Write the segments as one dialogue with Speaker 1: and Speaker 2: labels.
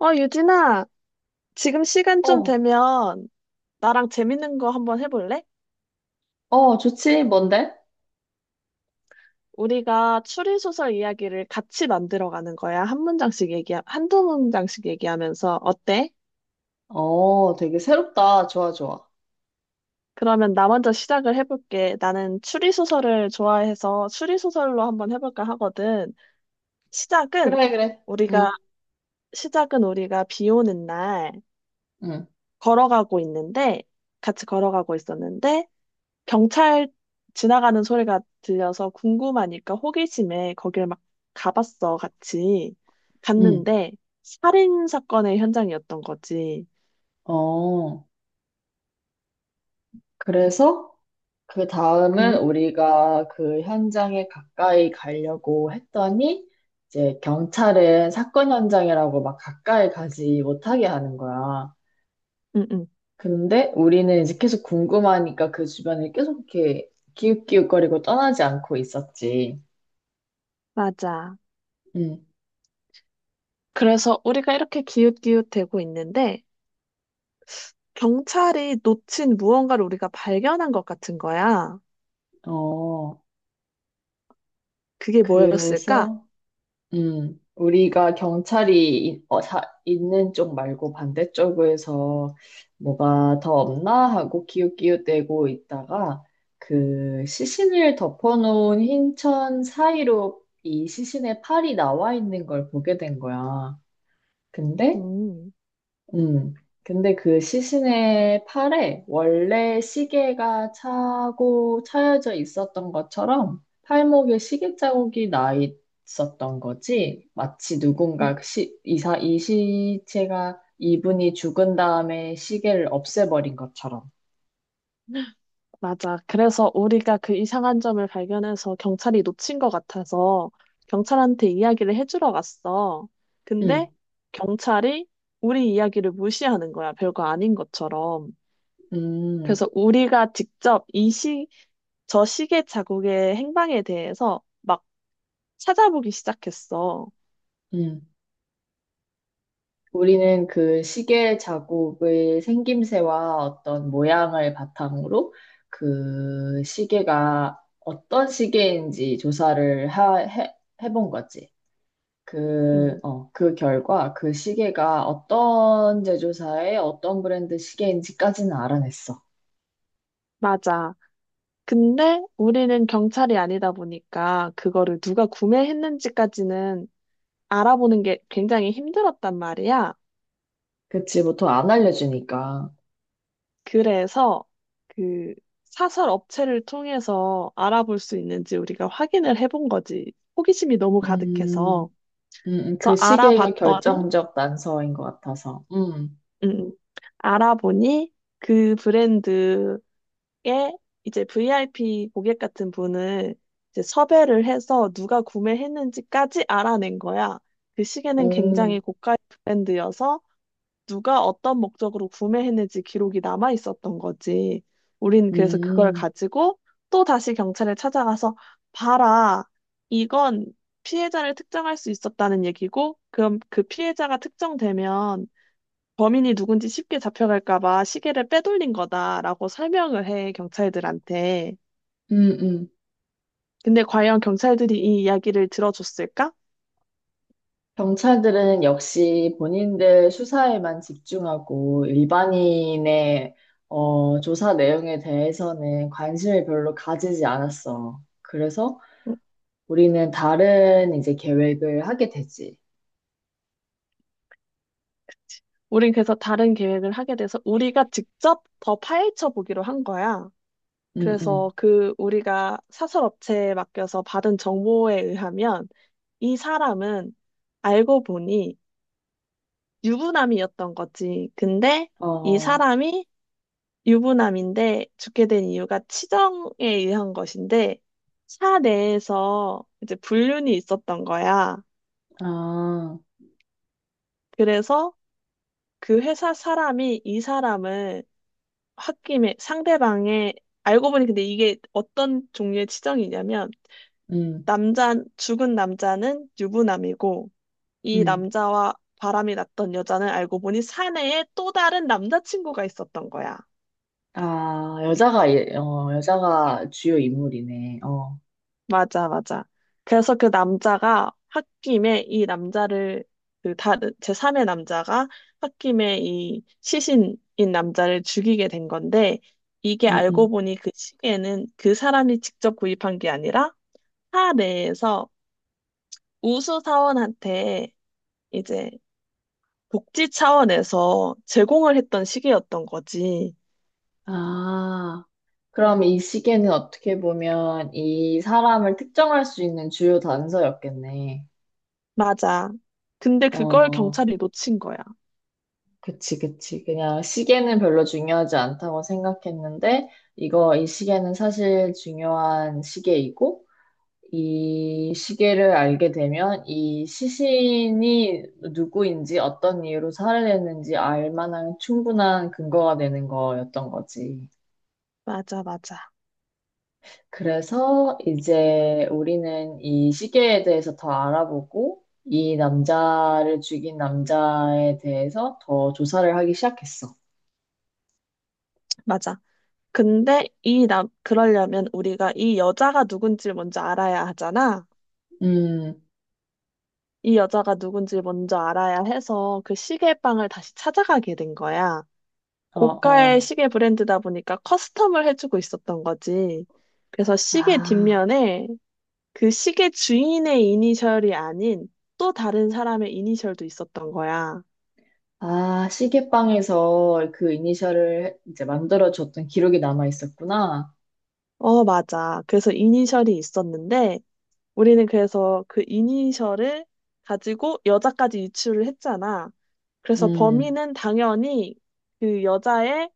Speaker 1: 유진아, 지금 시간 좀
Speaker 2: 어,
Speaker 1: 되면 나랑 재밌는 거 한번 해볼래?
Speaker 2: 어, 좋지. 뭔데?
Speaker 1: 우리가 추리소설 이야기를 같이 만들어가는 거야. 한두 문장씩 얘기하면서. 어때?
Speaker 2: 어, 되게 새롭다. 좋아, 좋아.
Speaker 1: 그러면 나 먼저 시작을 해볼게. 나는 추리소설을 좋아해서 추리소설로 한번 해볼까 하거든. 시작은
Speaker 2: 그래, 그래. 응,
Speaker 1: 우리가, 시작은 우리가 비 오는 날
Speaker 2: 응,
Speaker 1: 걸어가고 있는데, 같이 걸어가고 있었는데, 경찰 지나가는 소리가 들려서 궁금하니까 호기심에 거길 막 가봤어, 같이.
Speaker 2: 응.
Speaker 1: 갔는데, 살인 사건의 현장이었던 거지.
Speaker 2: 어, 그래서 그 다음은
Speaker 1: 응?
Speaker 2: 우리가 그 현장에 가까이 가려고 했더니 이제 경찰은 사건 현장이라고 막 가까이 가지 못하게 하는 거야.
Speaker 1: 응, 응.
Speaker 2: 근데 우리는 이제 계속 궁금하니까 그 주변을 계속 이렇게 기웃기웃거리고 떠나지 않고 있었지.
Speaker 1: 맞아.
Speaker 2: 응,
Speaker 1: 그래서 우리가 이렇게 기웃기웃대고 있는데, 경찰이 놓친 무언가를 우리가 발견한 것 같은 거야.
Speaker 2: 어,
Speaker 1: 그게 뭐였을까?
Speaker 2: 그래서 우리가 경찰이 자, 있는 쪽 말고 반대쪽에서 뭐가 더 없나 하고 기웃기웃대고 있다가 그 시신을 덮어놓은 흰 천 사이로 이 시신의 팔이 나와 있는 걸 보게 된 거야. 근데
Speaker 1: 음.
Speaker 2: 음. 근데 그 시신의 팔에 원래 시계가 차고 차여져 있었던 것처럼 팔목에 시계 자국이 나 있었던 거지. 마치 누군가 이 시체가 이분이 죽은 다음에 시계를 없애버린 것처럼.
Speaker 1: 맞아. 그래서 우리가 그 이상한 점을 발견해서 경찰이 놓친 것 같아서 경찰한테 이야기를 해주러 갔어.
Speaker 2: 음,
Speaker 1: 근데 경찰이 우리 이야기를 무시하는 거야. 별거 아닌 것처럼.
Speaker 2: 음,
Speaker 1: 그래서 우리가 직접 저 시계 자국의 행방에 대해서 막 찾아보기 시작했어.
Speaker 2: 음. 우리는 그 시계 자국의 생김새와 어떤 모양을 바탕으로 그 시계가 어떤 시계인지 조사를 해본 거지. 그,
Speaker 1: 응,
Speaker 2: 어, 그 결과 그 시계가 어떤 제조사의 어떤 브랜드 시계인지까지는 알아냈어.
Speaker 1: 맞아. 근데 우리는 경찰이 아니다 보니까 그거를 누가 구매했는지까지는 알아보는 게 굉장히 힘들었단 말이야.
Speaker 2: 그치, 보통 안 알려주니까.
Speaker 1: 그래서 그 사설 업체를 통해서 알아볼 수 있는지 우리가 확인을 해본 거지. 호기심이 너무
Speaker 2: 음,
Speaker 1: 가득해서.
Speaker 2: 그
Speaker 1: 그래서
Speaker 2: 시계가
Speaker 1: 알아봤더니,
Speaker 2: 결정적 난서인 것 같아서.
Speaker 1: 음, 음, 알아보니 그 브랜드의 이제 VIP 고객 같은 분을 이제 섭외를 해서 누가 구매했는지까지 알아낸 거야. 그 시계는
Speaker 2: 오,
Speaker 1: 굉장히 고가의 브랜드여서 누가 어떤 목적으로 구매했는지 기록이 남아 있었던 거지. 우린 그래서 그걸
Speaker 2: 음,
Speaker 1: 가지고 또 다시 경찰에 찾아가서 봐라. 이건 피해자를 특정할 수 있었다는 얘기고, 그럼 그 피해자가 특정되면 범인이 누군지 쉽게 잡혀갈까 봐 시계를 빼돌린 거다라고 설명을 해, 경찰들한테.
Speaker 2: 음, 음.
Speaker 1: 근데 과연 경찰들이 이 이야기를 들어줬을까?
Speaker 2: 경찰들은 역시 본인들 수사에만 집중하고 일반인의 조사 내용에 대해서는 관심을 별로 가지지 않았어. 그래서
Speaker 1: 응,
Speaker 2: 우리는 다른 이제 계획을 하게 되지.
Speaker 1: 우린 그래서 다른 계획을 하게 돼서 우리가 직접 더 파헤쳐 보기로 한 거야.
Speaker 2: 응응.
Speaker 1: 그래서 그 우리가 사설업체에 맡겨서 받은 정보에 의하면 이 사람은 알고 보니 유부남이었던 거지. 근데 이
Speaker 2: 어,
Speaker 1: 사람이 유부남인데 죽게 된 이유가 치정에 의한 것인데 사 내에서 이제 불륜이 있었던 거야.
Speaker 2: 아,
Speaker 1: 그래서 그 회사 사람이 이 사람을 홧김에 상대방의 알고 보니 근데 이게 어떤 종류의 치정이냐면
Speaker 2: 응응.
Speaker 1: 남자, 죽은 남자는 유부남이고, 이 남자와 바람이 났던 여자는 알고 보니 사내에 또 다른 남자친구가 있었던 거야.
Speaker 2: 아, 여자가 주요 인물이네. 어,
Speaker 1: 맞아, 맞아. 그래서 그 남자가 홧김에 이 남자를, 그 다른, 제3의 남자가 홧김에 이 시신인 남자를 죽이게 된 건데, 이게
Speaker 2: 응응
Speaker 1: 알고 보니 그 시계는 그 사람이 직접 구입한 게 아니라 사내에서 우수사원한테 이제 복지 차원에서 제공을 했던 시기였던 거지.
Speaker 2: 아. 그럼 이 시계는 어떻게 보면 이 사람을 특정할 수 있는 주요 단서였겠네.
Speaker 1: 맞아. 근데 그걸
Speaker 2: 어,
Speaker 1: 경찰이 놓친 거야.
Speaker 2: 그치, 그치. 그냥 시계는 별로 중요하지 않다고 생각했는데, 이 시계는 사실 중요한 시계이고, 이 시계를 알게 되면 이 시신이 누구인지 어떤 이유로 살해됐는지 알 만한 충분한 근거가 되는 거였던 거지.
Speaker 1: 맞아, 맞아,
Speaker 2: 그래서 이제 우리는 이 시계에 대해서 더 알아보고 이 남자를 죽인 남자에 대해서 더 조사를 하기 시작했어.
Speaker 1: 맞아. 근데 그러려면 우리가 이 여자가 누군지 먼저 알아야 하잖아.
Speaker 2: 음,
Speaker 1: 이 여자가 누군지 먼저 알아야 해서 그 시계방을 다시 찾아가게 된 거야.
Speaker 2: 어,
Speaker 1: 고가의
Speaker 2: 어.
Speaker 1: 시계 브랜드다 보니까 커스텀을 해주고 있었던 거지. 그래서 시계
Speaker 2: 아,
Speaker 1: 뒷면에 그 시계 주인의 이니셜이 아닌 또 다른 사람의 이니셜도 있었던 거야.
Speaker 2: 아, 시계방에서 그 이니셜을 이제 만들어줬던 기록이 남아 있었구나.
Speaker 1: 어, 맞아. 그래서 이니셜이 있었는데 우리는 그래서 그 이니셜을 가지고 여자까지 유추를 했잖아. 그래서
Speaker 2: 음,
Speaker 1: 범인은 당연히 그 여자의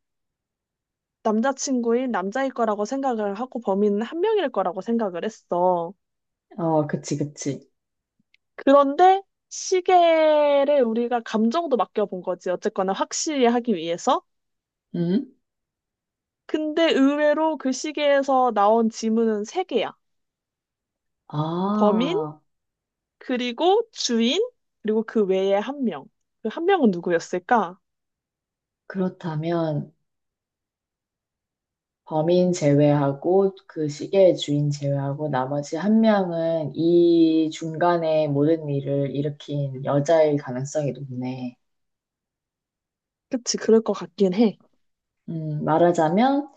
Speaker 1: 남자친구인 남자일 거라고 생각을 하고 범인은 한 명일 거라고 생각을 했어.
Speaker 2: 어, 그치, 그치.
Speaker 1: 그런데 시계를 우리가 감정도 맡겨본 거지. 어쨌거나 확실히 하기 위해서.
Speaker 2: 음?
Speaker 1: 근데 의외로 그 시계에서 나온 지문은 세개야. 범인,
Speaker 2: 아,
Speaker 1: 그리고 주인, 그리고 그 외에 한 명. 그 한 명은 누구였을까?
Speaker 2: 그렇다면. 범인 제외하고 그 시계의 주인 제외하고 나머지 한 명은 이 중간에 모든 일을 일으킨 여자일 가능성이 높네.
Speaker 1: 그치, 그럴 것 같긴 해.
Speaker 2: 말하자면,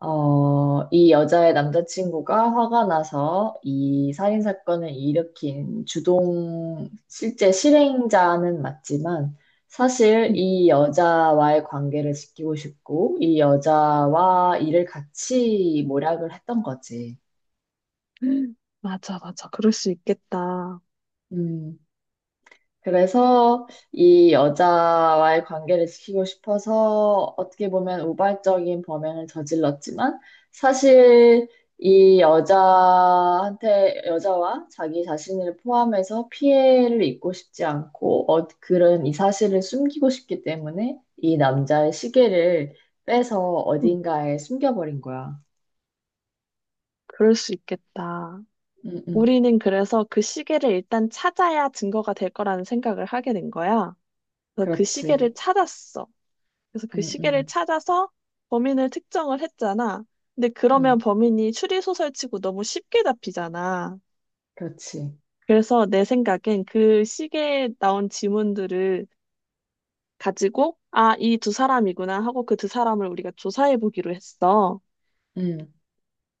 Speaker 2: 이 여자의 남자친구가 화가 나서 이 살인 사건을 일으킨 주동, 실제 실행자는 맞지만, 사실 이 여자와의 관계를 지키고 싶고, 이 여자와 일을 같이 모략을 했던 거지.
Speaker 1: 음. 맞아, 맞아. 그럴 수 있겠다.
Speaker 2: 음, 그래서 이 여자와의 관계를 지키고 싶어서 어떻게 보면 우발적인 범행을 저질렀지만 사실 이 여자한테, 여자와 자기 자신을 포함해서 피해를 입고 싶지 않고 그런 이 사실을 숨기고 싶기 때문에 이 남자의 시계를 빼서
Speaker 1: 음,
Speaker 2: 어딘가에 숨겨버린 거야.
Speaker 1: 그럴 수 있겠다.
Speaker 2: 응, 응.
Speaker 1: 우리는 그래서 그 시계를 일단 찾아야 증거가 될 거라는 생각을 하게 된 거야. 그래서 그
Speaker 2: 그렇지.
Speaker 1: 시계를 찾았어. 그래서 그
Speaker 2: 응,
Speaker 1: 시계를
Speaker 2: 응,
Speaker 1: 찾아서 범인을 특정을 했잖아. 근데 그러면
Speaker 2: 응.
Speaker 1: 범인이 추리소설치고 너무 쉽게 잡히잖아.
Speaker 2: 그렇지.
Speaker 1: 그래서 내 생각엔 그 시계에 나온 지문들을 가지고, 아, 이 두 사람이구나 하고 그 두 사람을 우리가 조사해 보기로 했어.
Speaker 2: 응.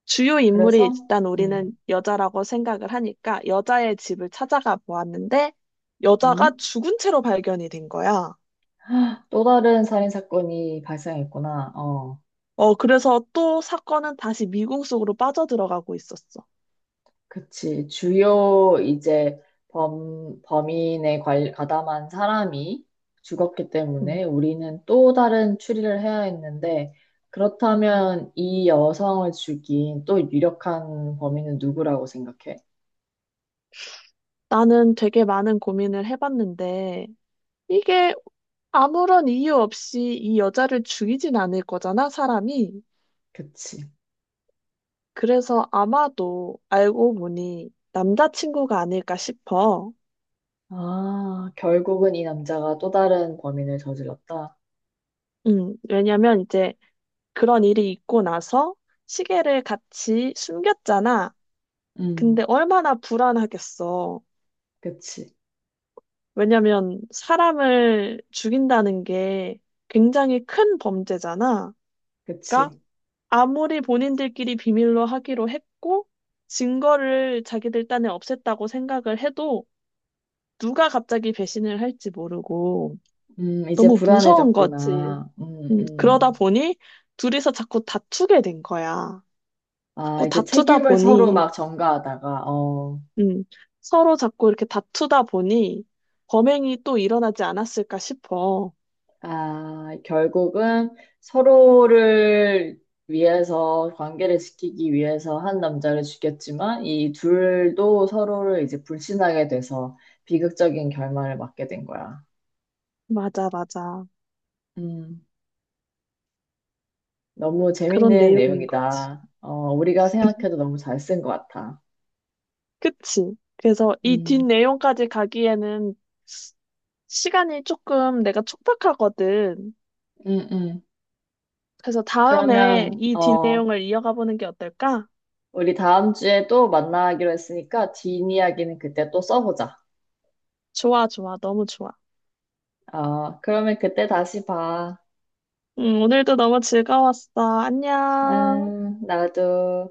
Speaker 1: 주요 인물이
Speaker 2: 그래서,
Speaker 1: 일단 우리는
Speaker 2: 응.
Speaker 1: 여자라고 생각을 하니까 여자의 집을 찾아가 보았는데 여자가
Speaker 2: 응?
Speaker 1: 죽은 채로 발견이 된 거야.
Speaker 2: 또 다른 살인 사건이 발생했구나. 어,
Speaker 1: 어, 그래서 또 사건은 다시 미궁 속으로 빠져들어가고 있었어.
Speaker 2: 그치. 주요 이제 범인에 가담한 사람이 죽었기 때문에
Speaker 1: 음.
Speaker 2: 우리는 또 다른 추리를 해야 했는데, 그렇다면 이 여성을 죽인 또 유력한 범인은 누구라고 생각해?
Speaker 1: 나는 되게 많은 고민을 해봤는데, 이게 아무런 이유 없이 이 여자를 죽이진 않을 거잖아, 사람이.
Speaker 2: 그치.
Speaker 1: 그래서 아마도 알고 보니 남자친구가 아닐까 싶어.
Speaker 2: 아, 결국은 이 남자가 또 다른 범인을 저질렀다.
Speaker 1: 왜냐면 이제 그런 일이 있고 나서 시계를 같이 숨겼잖아.
Speaker 2: 음,
Speaker 1: 근데 얼마나 불안하겠어.
Speaker 2: 그치.
Speaker 1: 왜냐면 사람을 죽인다는 게 굉장히 큰 범죄잖아. 그러니까
Speaker 2: 그치.
Speaker 1: 아무리 본인들끼리 비밀로 하기로 했고, 증거를 자기들 딴에 없앴다고 생각을 해도, 누가 갑자기 배신을 할지 모르고,
Speaker 2: 이제
Speaker 1: 너무 무서운 거지.
Speaker 2: 불안해졌구나.
Speaker 1: 그러다
Speaker 2: 음.
Speaker 1: 보니, 둘이서 자꾸 다투게 된 거야.
Speaker 2: 아,
Speaker 1: 자꾸
Speaker 2: 이제
Speaker 1: 다투다
Speaker 2: 책임을 서로
Speaker 1: 보니,
Speaker 2: 막 전가하다가, 어,
Speaker 1: 음, 서로 자꾸 이렇게 다투다 보니, 범행이 또 일어나지 않았을까 싶어.
Speaker 2: 아, 결국은 서로를 위해서, 관계를 지키기 위해서 한 남자를 죽였지만, 이 둘도 서로를 이제 불신하게 돼서 비극적인 결말을 맞게 된 거야.
Speaker 1: 맞아, 맞아.
Speaker 2: 음, 너무
Speaker 1: 그런
Speaker 2: 재밌는
Speaker 1: 내용인 거지.
Speaker 2: 내용이다. 어, 우리가 생각해도 너무 잘 쓴 것 같아.
Speaker 1: 그치? 그래서 이
Speaker 2: 음,
Speaker 1: 뒷내용까지 가기에는 시간이 조금 내가 촉박하거든.
Speaker 2: 음, 음.
Speaker 1: 그래서 다음에
Speaker 2: 그러면,
Speaker 1: 이
Speaker 2: 어,
Speaker 1: 뒷내용을 이어가 보는 게 어떨까?
Speaker 2: 우리 다음 주에 또 만나기로 했으니까, 뒷이야기는 그때 또 써보자.
Speaker 1: 좋아, 좋아. 너무 좋아.
Speaker 2: 어, 그러면 그때 다시 봐.
Speaker 1: 오늘도 너무 즐거웠어. 안녕.
Speaker 2: 나도.